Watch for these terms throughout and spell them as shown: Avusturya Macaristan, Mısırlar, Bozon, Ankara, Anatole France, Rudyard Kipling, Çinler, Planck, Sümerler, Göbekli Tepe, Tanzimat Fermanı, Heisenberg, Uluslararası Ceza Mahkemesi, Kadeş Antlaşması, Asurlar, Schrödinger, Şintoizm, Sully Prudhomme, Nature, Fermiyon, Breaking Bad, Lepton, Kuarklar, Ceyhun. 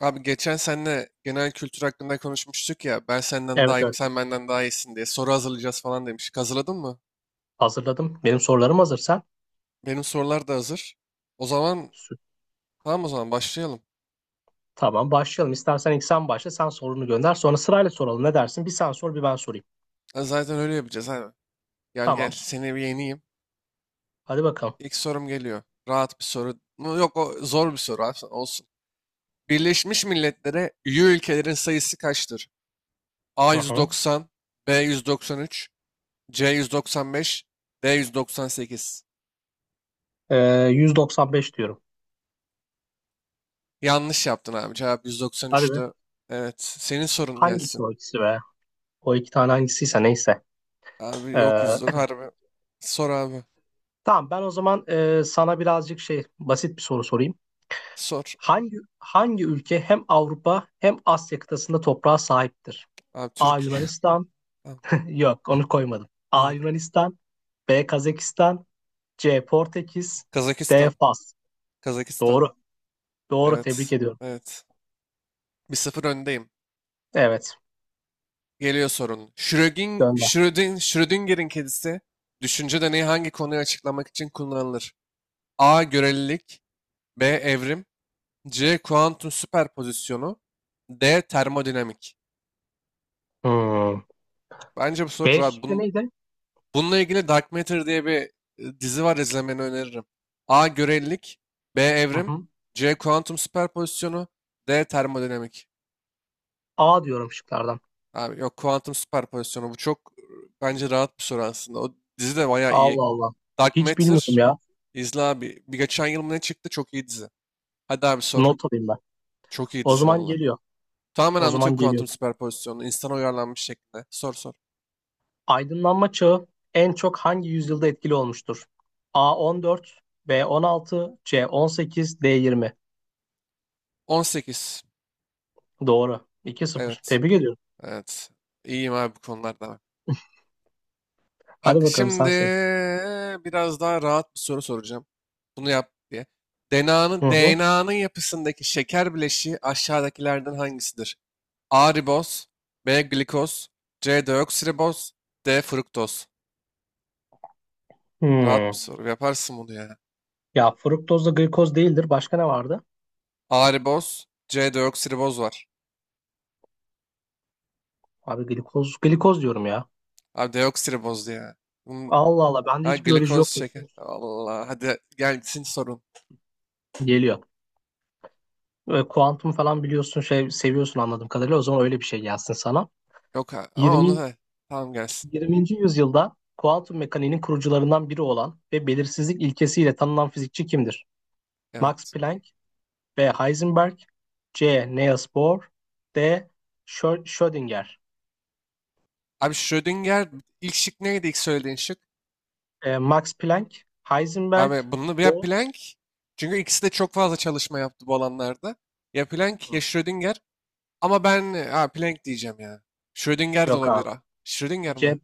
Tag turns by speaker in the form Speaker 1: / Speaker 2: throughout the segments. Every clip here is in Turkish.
Speaker 1: Abi geçen seninle genel kültür hakkında konuşmuştuk ya. Ben senden
Speaker 2: Evet
Speaker 1: daha iyiyim,
Speaker 2: evet
Speaker 1: sen benden daha iyisin diye. Soru hazırlayacağız falan demiştik. Hazırladın mı?
Speaker 2: hazırladım. Benim sorularım hazır sen.
Speaker 1: Benim sorular da hazır. O zaman
Speaker 2: sü-
Speaker 1: Tamam o zaman başlayalım.
Speaker 2: Tamam başlayalım. İstersen ilk sen başla sen sorunu gönder. Sonra sırayla soralım ne dersin? Bir sen sor bir ben sorayım.
Speaker 1: Ha, zaten öyle yapacağız abi. Gel gel
Speaker 2: Tamam
Speaker 1: seni bir yeneyim.
Speaker 2: hadi bakalım.
Speaker 1: İlk sorum geliyor. Rahat bir soru. Yok, o zor bir soru abi olsun. Birleşmiş Milletler'e üye ülkelerin sayısı kaçtır? A
Speaker 2: Hı hı.
Speaker 1: 190, B 193, C 195, D 198.
Speaker 2: Ee, 195 diyorum.
Speaker 1: Yanlış yaptın abi. Cevap
Speaker 2: Hadi be.
Speaker 1: 193'tü. Evet. Senin sorun
Speaker 2: Hangisi
Speaker 1: gelsin.
Speaker 2: o ikisi be? O iki tane hangisiyse neyse.
Speaker 1: Abi
Speaker 2: Ee,
Speaker 1: yok
Speaker 2: e,
Speaker 1: 190. Harbi. Sor abi.
Speaker 2: tamam ben o zaman sana birazcık şey basit bir soru sorayım.
Speaker 1: Sor.
Speaker 2: Hangi ülke hem Avrupa hem Asya kıtasında toprağa sahiptir?
Speaker 1: Abi
Speaker 2: A.
Speaker 1: Türkiye.
Speaker 2: Yunanistan.
Speaker 1: Tamam.
Speaker 2: Yok onu koymadım. A.
Speaker 1: Evet.
Speaker 2: Yunanistan. B. Kazakistan. C. Portekiz. D.
Speaker 1: Kazakistan.
Speaker 2: Fas.
Speaker 1: Kazakistan.
Speaker 2: Doğru. Doğru. Tebrik
Speaker 1: Evet.
Speaker 2: ediyorum.
Speaker 1: Evet. 1-0 öndeyim.
Speaker 2: Evet.
Speaker 1: Geliyor sorun.
Speaker 2: Gönder.
Speaker 1: Schrödinger'in kedisi düşünce deneyi hangi konuyu açıklamak için kullanılır? A. Görelilik. B. Evrim. C. Kuantum süperpozisyonu. D. Termodinamik.
Speaker 2: Hmm.
Speaker 1: Bence bu soru
Speaker 2: B
Speaker 1: rahat.
Speaker 2: şıkkı neydi?
Speaker 1: Bununla ilgili Dark Matter diye bir dizi var, izlemeni öneririm. A. Görelilik. B.
Speaker 2: Hı
Speaker 1: Evrim.
Speaker 2: hı.
Speaker 1: C. Kuantum süperpozisyonu. D. Termodinamik.
Speaker 2: A diyorum şıklardan.
Speaker 1: Abi yok, kuantum süperpozisyonu. Bu çok bence rahat bir soru aslında. O dizi de bayağı iyi.
Speaker 2: Allah Allah.
Speaker 1: Dark
Speaker 2: Hiç bilmiyorum
Speaker 1: Matter
Speaker 2: ya.
Speaker 1: izle abi. Bir geçen yıl mı ne çıktı, çok iyi dizi. Hadi abi
Speaker 2: Bu
Speaker 1: sor.
Speaker 2: not alayım ben.
Speaker 1: Çok iyi
Speaker 2: O
Speaker 1: dizi
Speaker 2: zaman
Speaker 1: valla.
Speaker 2: geliyor.
Speaker 1: Tamamen
Speaker 2: O
Speaker 1: anlatıyor
Speaker 2: zaman geliyor.
Speaker 1: kuantum süperpozisyonunu, insana uyarlanmış şekilde. Sor sor.
Speaker 2: Aydınlanma çağı en çok hangi yüzyılda etkili olmuştur? A 14, B 16, C 18, D 20.
Speaker 1: 18.
Speaker 2: Doğru. 2 sıfır.
Speaker 1: Evet.
Speaker 2: Tebrik ediyorum.
Speaker 1: Evet. İyiyim abi bu konularda.
Speaker 2: Hadi
Speaker 1: Bak
Speaker 2: bakalım
Speaker 1: şimdi
Speaker 2: sen sor.
Speaker 1: biraz daha rahat bir soru soracağım. Bunu yap diye.
Speaker 2: Hı hı.
Speaker 1: DNA'nın yapısındaki şeker bileşiği aşağıdakilerden hangisidir? A riboz, B glikoz, C deoksiriboz, D fruktoz. Rahat bir
Speaker 2: Hmm.
Speaker 1: soru. Yaparsın bunu ya.
Speaker 2: Ya fruktozla glikoz değildir. Başka ne vardı?
Speaker 1: A riboz, C deoksiriboz var.
Speaker 2: Abi glikoz, glikoz diyorum ya.
Speaker 1: Abi deoksiriboz ya. Bunun-
Speaker 2: Allah Allah bende
Speaker 1: Ha,
Speaker 2: hiç biyoloji
Speaker 1: glikoz
Speaker 2: yoktu biliyor
Speaker 1: şeker.
Speaker 2: musun?
Speaker 1: Allah, hadi gelsin sorun.
Speaker 2: Geliyor. Ve kuantum falan biliyorsun şey seviyorsun anladığım kadarıyla. O zaman öyle bir şey gelsin sana.
Speaker 1: Yok, ama onu
Speaker 2: 20,
Speaker 1: da tamam gelsin.
Speaker 2: 20. yüzyılda kuantum mekaniğinin kurucularından biri olan ve belirsizlik ilkesiyle tanınan fizikçi kimdir? Max
Speaker 1: Evet.
Speaker 2: Planck, B. Heisenberg, C. Niels Bohr, D. Schrödinger.
Speaker 1: Abi Schrödinger, ilk şık neydi, ilk söylediğin şık?
Speaker 2: Max Planck, Heisenberg,
Speaker 1: Abi bunu ya
Speaker 2: Bohr.
Speaker 1: Planck, çünkü ikisi de çok fazla çalışma yaptı bu alanlarda. Ya Planck ya
Speaker 2: Hı.
Speaker 1: Schrödinger, ama ben Planck diyeceğim ya. Schrödinger de
Speaker 2: Yok
Speaker 1: olabilir.
Speaker 2: abi.
Speaker 1: Ha. Schrödinger mi?
Speaker 2: C.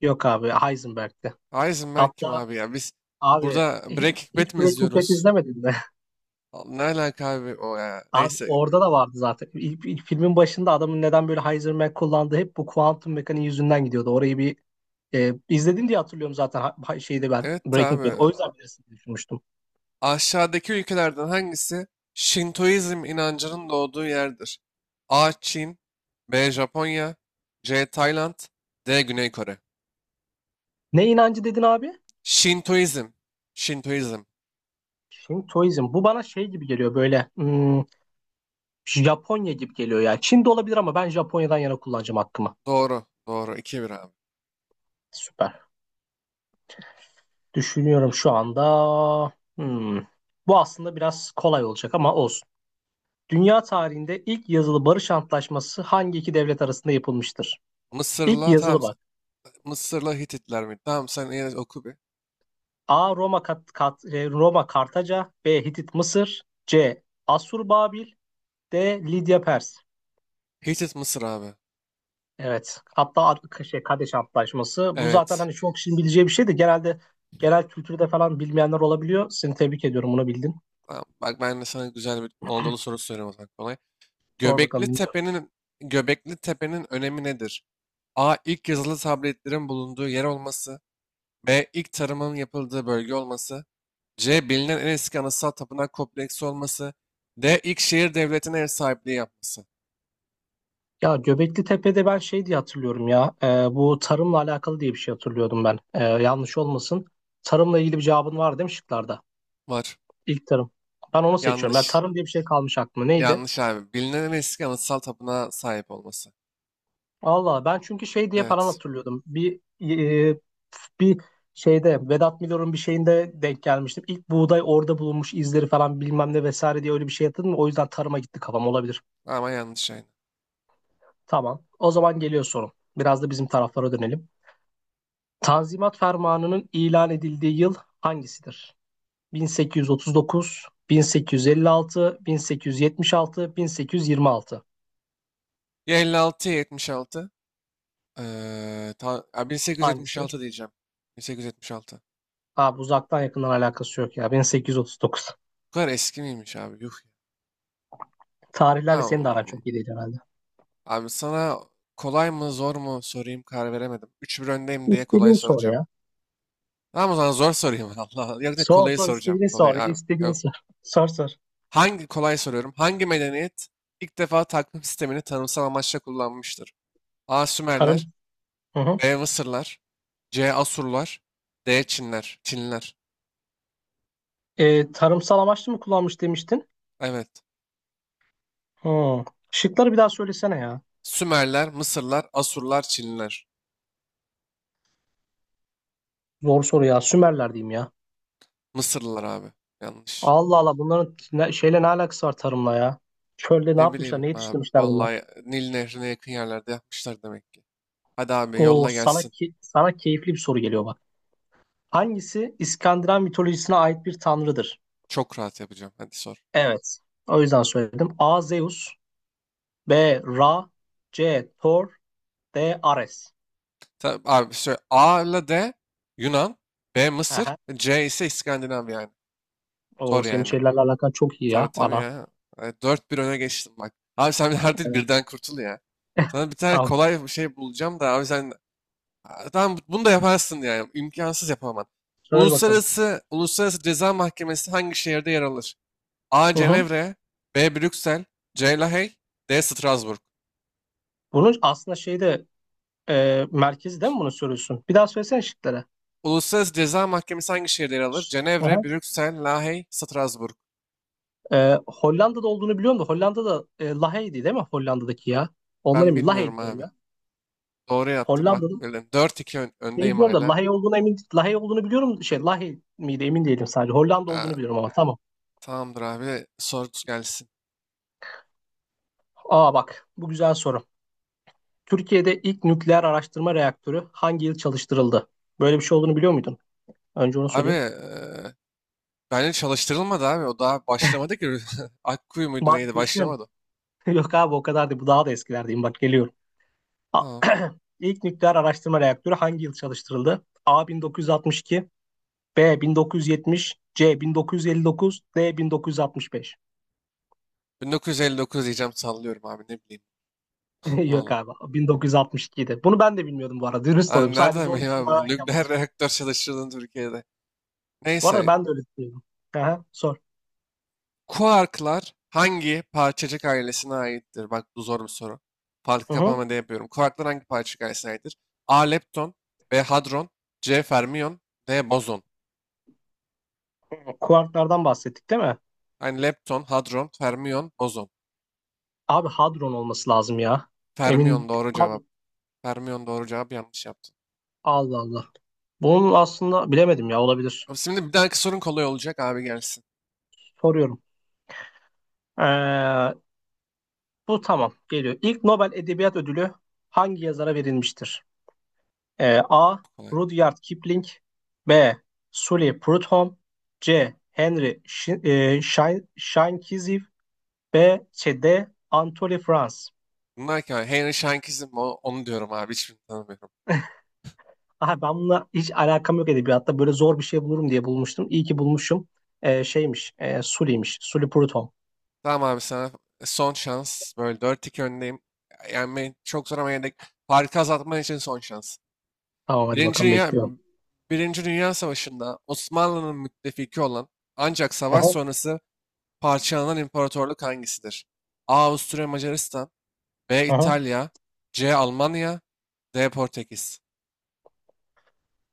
Speaker 2: Yok abi Heisenberg'ti.
Speaker 1: Heisenberg kim
Speaker 2: Hatta,
Speaker 1: abi ya? Biz
Speaker 2: abi
Speaker 1: burada Breaking Bad
Speaker 2: hiç
Speaker 1: mi
Speaker 2: Breaking Bad
Speaker 1: izliyoruz?
Speaker 2: izlemedin mi?
Speaker 1: Ne alaka abi o ya?
Speaker 2: Abi
Speaker 1: Neyse.
Speaker 2: orada da vardı zaten. İlk filmin başında adamın neden böyle Heisenberg kullandığı hep bu kuantum mekaniği yüzünden gidiyordu. Orayı bir izledin diye hatırlıyorum zaten şeyde ben
Speaker 1: Evet
Speaker 2: Breaking Bad.
Speaker 1: abi.
Speaker 2: O yüzden bilirsin diye düşünmüştüm.
Speaker 1: Aşağıdaki ülkelerden hangisi Şintoizm inancının doğduğu yerdir? A. Çin. B. Japonya. C. Tayland. D. Güney Kore.
Speaker 2: Ne inancı dedin abi?
Speaker 1: Şintoizm. Şintoizm.
Speaker 2: Şintoizm. Bu bana şey gibi geliyor böyle Japonya gibi geliyor ya. Çin'de olabilir ama ben Japonya'dan yana kullanacağım hakkımı.
Speaker 1: Doğru. Doğru. 2-1 abi.
Speaker 2: Süper. Düşünüyorum şu anda. Hmm. Bu aslında biraz kolay olacak ama olsun. Dünya tarihinde ilk yazılı barış antlaşması hangi iki devlet arasında yapılmıştır? İlk
Speaker 1: Mısır'la tamam.
Speaker 2: yazılı bak.
Speaker 1: Mısır'la Hititler mi? Tamam, sen yine oku bir.
Speaker 2: A. Roma Kat, Kat- e, Roma Kartaca, B. Hitit Mısır, C. Asur Babil, D. Lidya Pers.
Speaker 1: Hitit Mısır abi.
Speaker 2: Evet. Hatta şey Kadeş Antlaşması. Bu zaten
Speaker 1: Evet.
Speaker 2: hani çok kişinin bileceği bir şey de genelde genel kültürde falan bilmeyenler olabiliyor. Seni tebrik ediyorum bunu bildin.
Speaker 1: Tamam. Bak, ben de sana güzel bir Anadolu sorusu soruyorum o zaman, kolay.
Speaker 2: Sor
Speaker 1: Göbekli
Speaker 2: bakalım.
Speaker 1: Tepe'nin Göbekli Tepe'nin önemi nedir? A. İlk yazılı tabletlerin bulunduğu yer olması. B. İlk tarımın yapıldığı bölge olması. C. Bilinen en eski anıtsal tapınak kompleksi olması. D. İlk şehir devletine ev sahipliği yapması.
Speaker 2: Ya Göbekli Tepe'de ben şey diye hatırlıyorum ya. Bu tarımla alakalı diye bir şey hatırlıyordum ben. Yanlış olmasın. Tarımla ilgili bir cevabın var değil mi şıklarda?
Speaker 1: Var.
Speaker 2: İlk tarım. Ben onu seçiyorum. Ya
Speaker 1: Yanlış.
Speaker 2: tarım diye bir şey kalmış aklıma. Neydi?
Speaker 1: Yanlış abi. Bilinen en eski anıtsal tapınağa sahip olması.
Speaker 2: Allah ben çünkü şey diye falan
Speaker 1: Evet.
Speaker 2: hatırlıyordum. E, bir şeyde Vedat Milor'un bir şeyinde denk gelmiştim. İlk buğday orada bulunmuş izleri falan bilmem ne vesaire diye öyle bir şey hatırladım. O yüzden tarıma gitti kafam olabilir.
Speaker 1: Ama yanlış aynı.
Speaker 2: Tamam. O zaman geliyor sorum. Biraz da bizim taraflara dönelim. Tanzimat Fermanı'nın ilan edildiği yıl hangisidir? 1839, 1856, 1876, 1826.
Speaker 1: Ya 56 ya 76. Ya
Speaker 2: Hangisi?
Speaker 1: 1876 diyeceğim. 1876.
Speaker 2: Abi uzaktan yakından alakası yok ya. 1839.
Speaker 1: Bu kadar eski miymiş abi? Yuh.
Speaker 2: Tarihlerle senin de
Speaker 1: Tamam.
Speaker 2: aran çok iyi değil herhalde.
Speaker 1: Abi sana kolay mı zor mu sorayım karar veremedim. 3-1 öndeyim diye kolay
Speaker 2: İstediğini sor
Speaker 1: soracağım.
Speaker 2: ya.
Speaker 1: Tamam, o zaman zor sorayım. Allah Allah. Yok, da
Speaker 2: Sor
Speaker 1: kolayı
Speaker 2: sor
Speaker 1: soracağım.
Speaker 2: istediğini
Speaker 1: Kolay
Speaker 2: sor.
Speaker 1: abi.
Speaker 2: İstediğini
Speaker 1: Yok.
Speaker 2: sor. Sor sor.
Speaker 1: Hangi kolay soruyorum? Hangi medeniyet ilk defa takvim sistemini tanımsal amaçla kullanmıştır? A.
Speaker 2: Tarım.
Speaker 1: Sümerler.
Speaker 2: Hı hı.
Speaker 1: B. Mısırlar. C. Asurlar. D. Çinler. Çinler.
Speaker 2: Tarımsal amaçlı mı kullanmış demiştin?
Speaker 1: Evet.
Speaker 2: Hı. Şıkları bir daha söylesene ya.
Speaker 1: Sümerler, Mısırlar, Asurlar, Çinliler.
Speaker 2: Zor soru ya. Sümerler diyeyim ya.
Speaker 1: Mısırlılar abi. Yanlış.
Speaker 2: Allah Allah bunların ne, şeyle ne alakası var tarımla ya? Çölde ne
Speaker 1: Ne
Speaker 2: yapmışlar, ne
Speaker 1: bileyim abi.
Speaker 2: yetiştirmişler bunlar?
Speaker 1: Vallahi Nil Nehri'ne yakın yerlerde yapmışlar demek ki. Hadi abi,
Speaker 2: Oo
Speaker 1: yolla gelsin.
Speaker 2: sana keyifli bir soru geliyor bak. Hangisi İskandinav mitolojisine ait bir tanrıdır?
Speaker 1: Çok rahat yapacağım. Hadi sor.
Speaker 2: Evet. O yüzden söyledim. A. Zeus, B. Ra, C. Thor, D. Ares.
Speaker 1: Abi söyle. A ile D Yunan. B Mısır.
Speaker 2: Aha.
Speaker 1: C ise İskandinav yani. Sor
Speaker 2: Oo senin
Speaker 1: yani.
Speaker 2: şeylerle alakan çok iyi
Speaker 1: Tabii
Speaker 2: ya.
Speaker 1: tabii
Speaker 2: Ana.
Speaker 1: ya. Evet, 4-1 öne geçtim bak. Abi sen artık
Speaker 2: Evet.
Speaker 1: birden kurtul ya. Sana bir tane
Speaker 2: Tamam.
Speaker 1: kolay bir şey bulacağım da abi sen. Aa, tamam, bunu da yaparsın yani. İmkansız, yapamam.
Speaker 2: Söyle bakalım.
Speaker 1: Uluslararası Ceza Mahkemesi hangi şehirde yer alır? A.
Speaker 2: Hı hı.
Speaker 1: Cenevre. B. Brüksel. C. Lahey. D. Strasbourg.
Speaker 2: Bunun aslında şeyde merkezi değil mi bunu soruyorsun? Bir daha söylesene
Speaker 1: Uluslararası Ceza Mahkemesi hangi şehirde yer alır? Cenevre,
Speaker 2: şıkları.
Speaker 1: Brüksel, Lahey, Strasbourg.
Speaker 2: Hollanda'da olduğunu biliyorum da Hollanda'da Lahey'di değil mi Hollanda'daki ya? Ondan
Speaker 1: Ben
Speaker 2: emin. Lahey
Speaker 1: bilmiyorum
Speaker 2: diyorum
Speaker 1: abi.
Speaker 2: ya.
Speaker 1: Doğru yaptın bak.
Speaker 2: Hollanda'da
Speaker 1: Böyle 4-2
Speaker 2: şey
Speaker 1: öndeyim
Speaker 2: biliyorum da
Speaker 1: hala.
Speaker 2: Lahey olduğunu emin Lahey olduğunu biliyorum. Şey Lahey miydi emin değilim sadece. Hollanda olduğunu
Speaker 1: Aa,
Speaker 2: biliyorum ama tamam.
Speaker 1: tamamdır abi. Sorusu gelsin.
Speaker 2: Aa bak bu güzel soru. Türkiye'de ilk nükleer araştırma reaktörü hangi yıl çalıştırıldı? Böyle bir şey olduğunu biliyor muydun? Önce onu
Speaker 1: Abi
Speaker 2: sorayım.
Speaker 1: bence çalıştırılmadı abi. O daha başlamadı ki. Akkuyu muydu
Speaker 2: Bak
Speaker 1: neydi?
Speaker 2: düşün.
Speaker 1: Başlamadı.
Speaker 2: Yok abi o kadar değil. Bu daha da eskilerdeyim. Bak geliyorum. A-
Speaker 1: Tamam.
Speaker 2: İlk nükleer araştırma reaktörü hangi yıl çalıştırıldı? A 1962, B 1970, C 1959, D 1965.
Speaker 1: 1959 diyeceğim, sallıyorum abi, ne bileyim. Allah
Speaker 2: Yok
Speaker 1: Allah.
Speaker 2: abi 1962'de. Bunu ben de bilmiyordum bu arada. Dürüst olayım.
Speaker 1: Abi
Speaker 2: Sadece
Speaker 1: nereden
Speaker 2: zor bir
Speaker 1: bileyim abi
Speaker 2: soru
Speaker 1: bu
Speaker 2: ararken buldum.
Speaker 1: nükleer reaktör çalıştırıldığını Türkiye'de.
Speaker 2: Bu arada
Speaker 1: Neyse.
Speaker 2: ben de öyle düşünüyorum. Aha, sor.
Speaker 1: Kuarklar hangi parçacık ailesine aittir? Bak bu zor bir soru. Farkı
Speaker 2: Hı hı.
Speaker 1: kapama diye yapıyorum. Kuarklar hangi parçacık ailesine aittir? A. Lepton. B. Hadron. C. Fermiyon. D. Bozon.
Speaker 2: Kuarklardan bahsettik değil mi?
Speaker 1: Yani lepton, hadron, fermiyon, bozon.
Speaker 2: Abi hadron olması lazım ya.
Speaker 1: Fermiyon
Speaker 2: Emin
Speaker 1: doğru cevap.
Speaker 2: Had-
Speaker 1: Fermiyon doğru cevap, yanlış yaptın.
Speaker 2: Allah Allah. Bunun aslında bilemedim ya olabilir.
Speaker 1: Abi şimdi bir dahaki sorun kolay olacak abi, gelsin.
Speaker 2: Soruyorum. Ee, Bu tamam geliyor. İlk Nobel Edebiyat Ödülü hangi yazara verilmiştir? A.
Speaker 1: Kolay.
Speaker 2: Rudyard Kipling, B. Sully Prudhomme, C. Henry Shinkeziv, D. Anatole France.
Speaker 1: Bunlar ki abi, Henry Shankizm, onu diyorum abi, hiçbirini tanımıyorum.
Speaker 2: Aha, ben bununla hiç alakam yok edebiyatta. Böyle zor bir şey bulurum diye bulmuştum. İyi ki bulmuşum. Şeymiş. Sully'miş. Sully Prudhomme.
Speaker 1: Tamam abi, sana son şans. Böyle dört 2 öndeyim. Yani çok zor ama yine de farkı azaltman için son şans.
Speaker 2: Tamam hadi
Speaker 1: Birinci
Speaker 2: bakalım
Speaker 1: Dünya,
Speaker 2: bekliyorum.
Speaker 1: Birinci Dünya Savaşı'nda Osmanlı'nın müttefiki olan ancak savaş
Speaker 2: Aha,
Speaker 1: sonrası parçalanan imparatorluk hangisidir? A. Avusturya Macaristan. B.
Speaker 2: aha.
Speaker 1: İtalya. C. Almanya. D. Portekiz.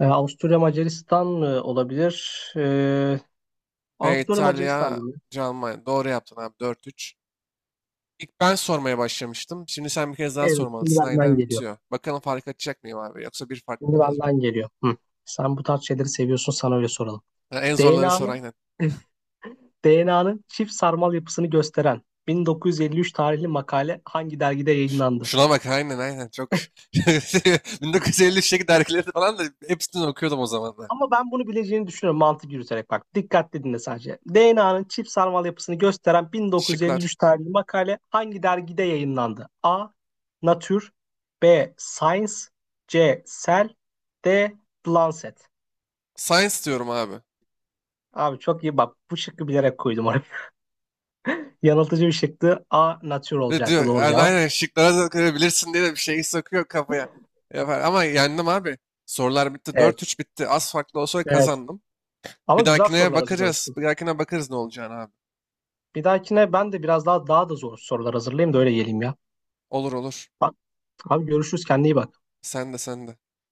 Speaker 2: Avusturya Macaristan mı olabilir?
Speaker 1: B.
Speaker 2: Avusturya Macaristan
Speaker 1: İtalya.
Speaker 2: değil mi?
Speaker 1: C. Almanya. Doğru yaptın abi, 4-3. İlk ben sormaya başlamıştım. Şimdi sen bir kez daha
Speaker 2: Evet şimdi
Speaker 1: sormalısın.
Speaker 2: benden
Speaker 1: Aynen
Speaker 2: geliyor.
Speaker 1: bitiyor. Bakalım fark açacak mıyım abi? Yoksa bir fark mı
Speaker 2: Şimdi
Speaker 1: kalacak?
Speaker 2: benden geliyor. Hı. Sen bu tarz şeyleri seviyorsun sana öyle soralım.
Speaker 1: Ha, en zorları sor
Speaker 2: DNA'nın
Speaker 1: aynen.
Speaker 2: DNA'nın çift sarmal yapısını gösteren 1953 tarihli makale hangi dergide yayınlandı?
Speaker 1: Şuna bak, aynen aynen. Çok 1953'teki dergileri falan da hepsini okuyordum o zamanlar.
Speaker 2: Ama ben bunu bileceğini düşünüyorum mantık yürüterek bak. Dikkatli dinle sadece. DNA'nın çift sarmal yapısını gösteren
Speaker 1: Şıklar.
Speaker 2: 1953 tarihli makale hangi dergide yayınlandı? A. Nature, B. Science, C. Cell, D. The Lancet.
Speaker 1: Science diyorum abi.
Speaker 2: Abi çok iyi bak. Bu şıkkı bilerek koydum oraya. Yanıltıcı bir şıktı. A. Nature
Speaker 1: Ve
Speaker 2: olacaktı
Speaker 1: diyor
Speaker 2: doğru
Speaker 1: yani
Speaker 2: cevap.
Speaker 1: aynen, şıklara da görebilirsin diye de bir şey sokuyor kafaya. Yapar. Ama yendim abi. Sorular bitti. dört
Speaker 2: Evet.
Speaker 1: üç bitti. Az farklı olsa
Speaker 2: Evet.
Speaker 1: kazandım.
Speaker 2: Ama
Speaker 1: Bir
Speaker 2: güzel
Speaker 1: dahakine
Speaker 2: sorular
Speaker 1: bakacağız.
Speaker 2: hazırlamışsın.
Speaker 1: Bir dahakine bakarız ne olacağını abi.
Speaker 2: Bir dahakine ben de biraz daha daha da zor sorular hazırlayayım da öyle geleyim ya.
Speaker 1: Olur olur.
Speaker 2: Bak, abi görüşürüz kendine iyi bak.
Speaker 1: Sen de sen de.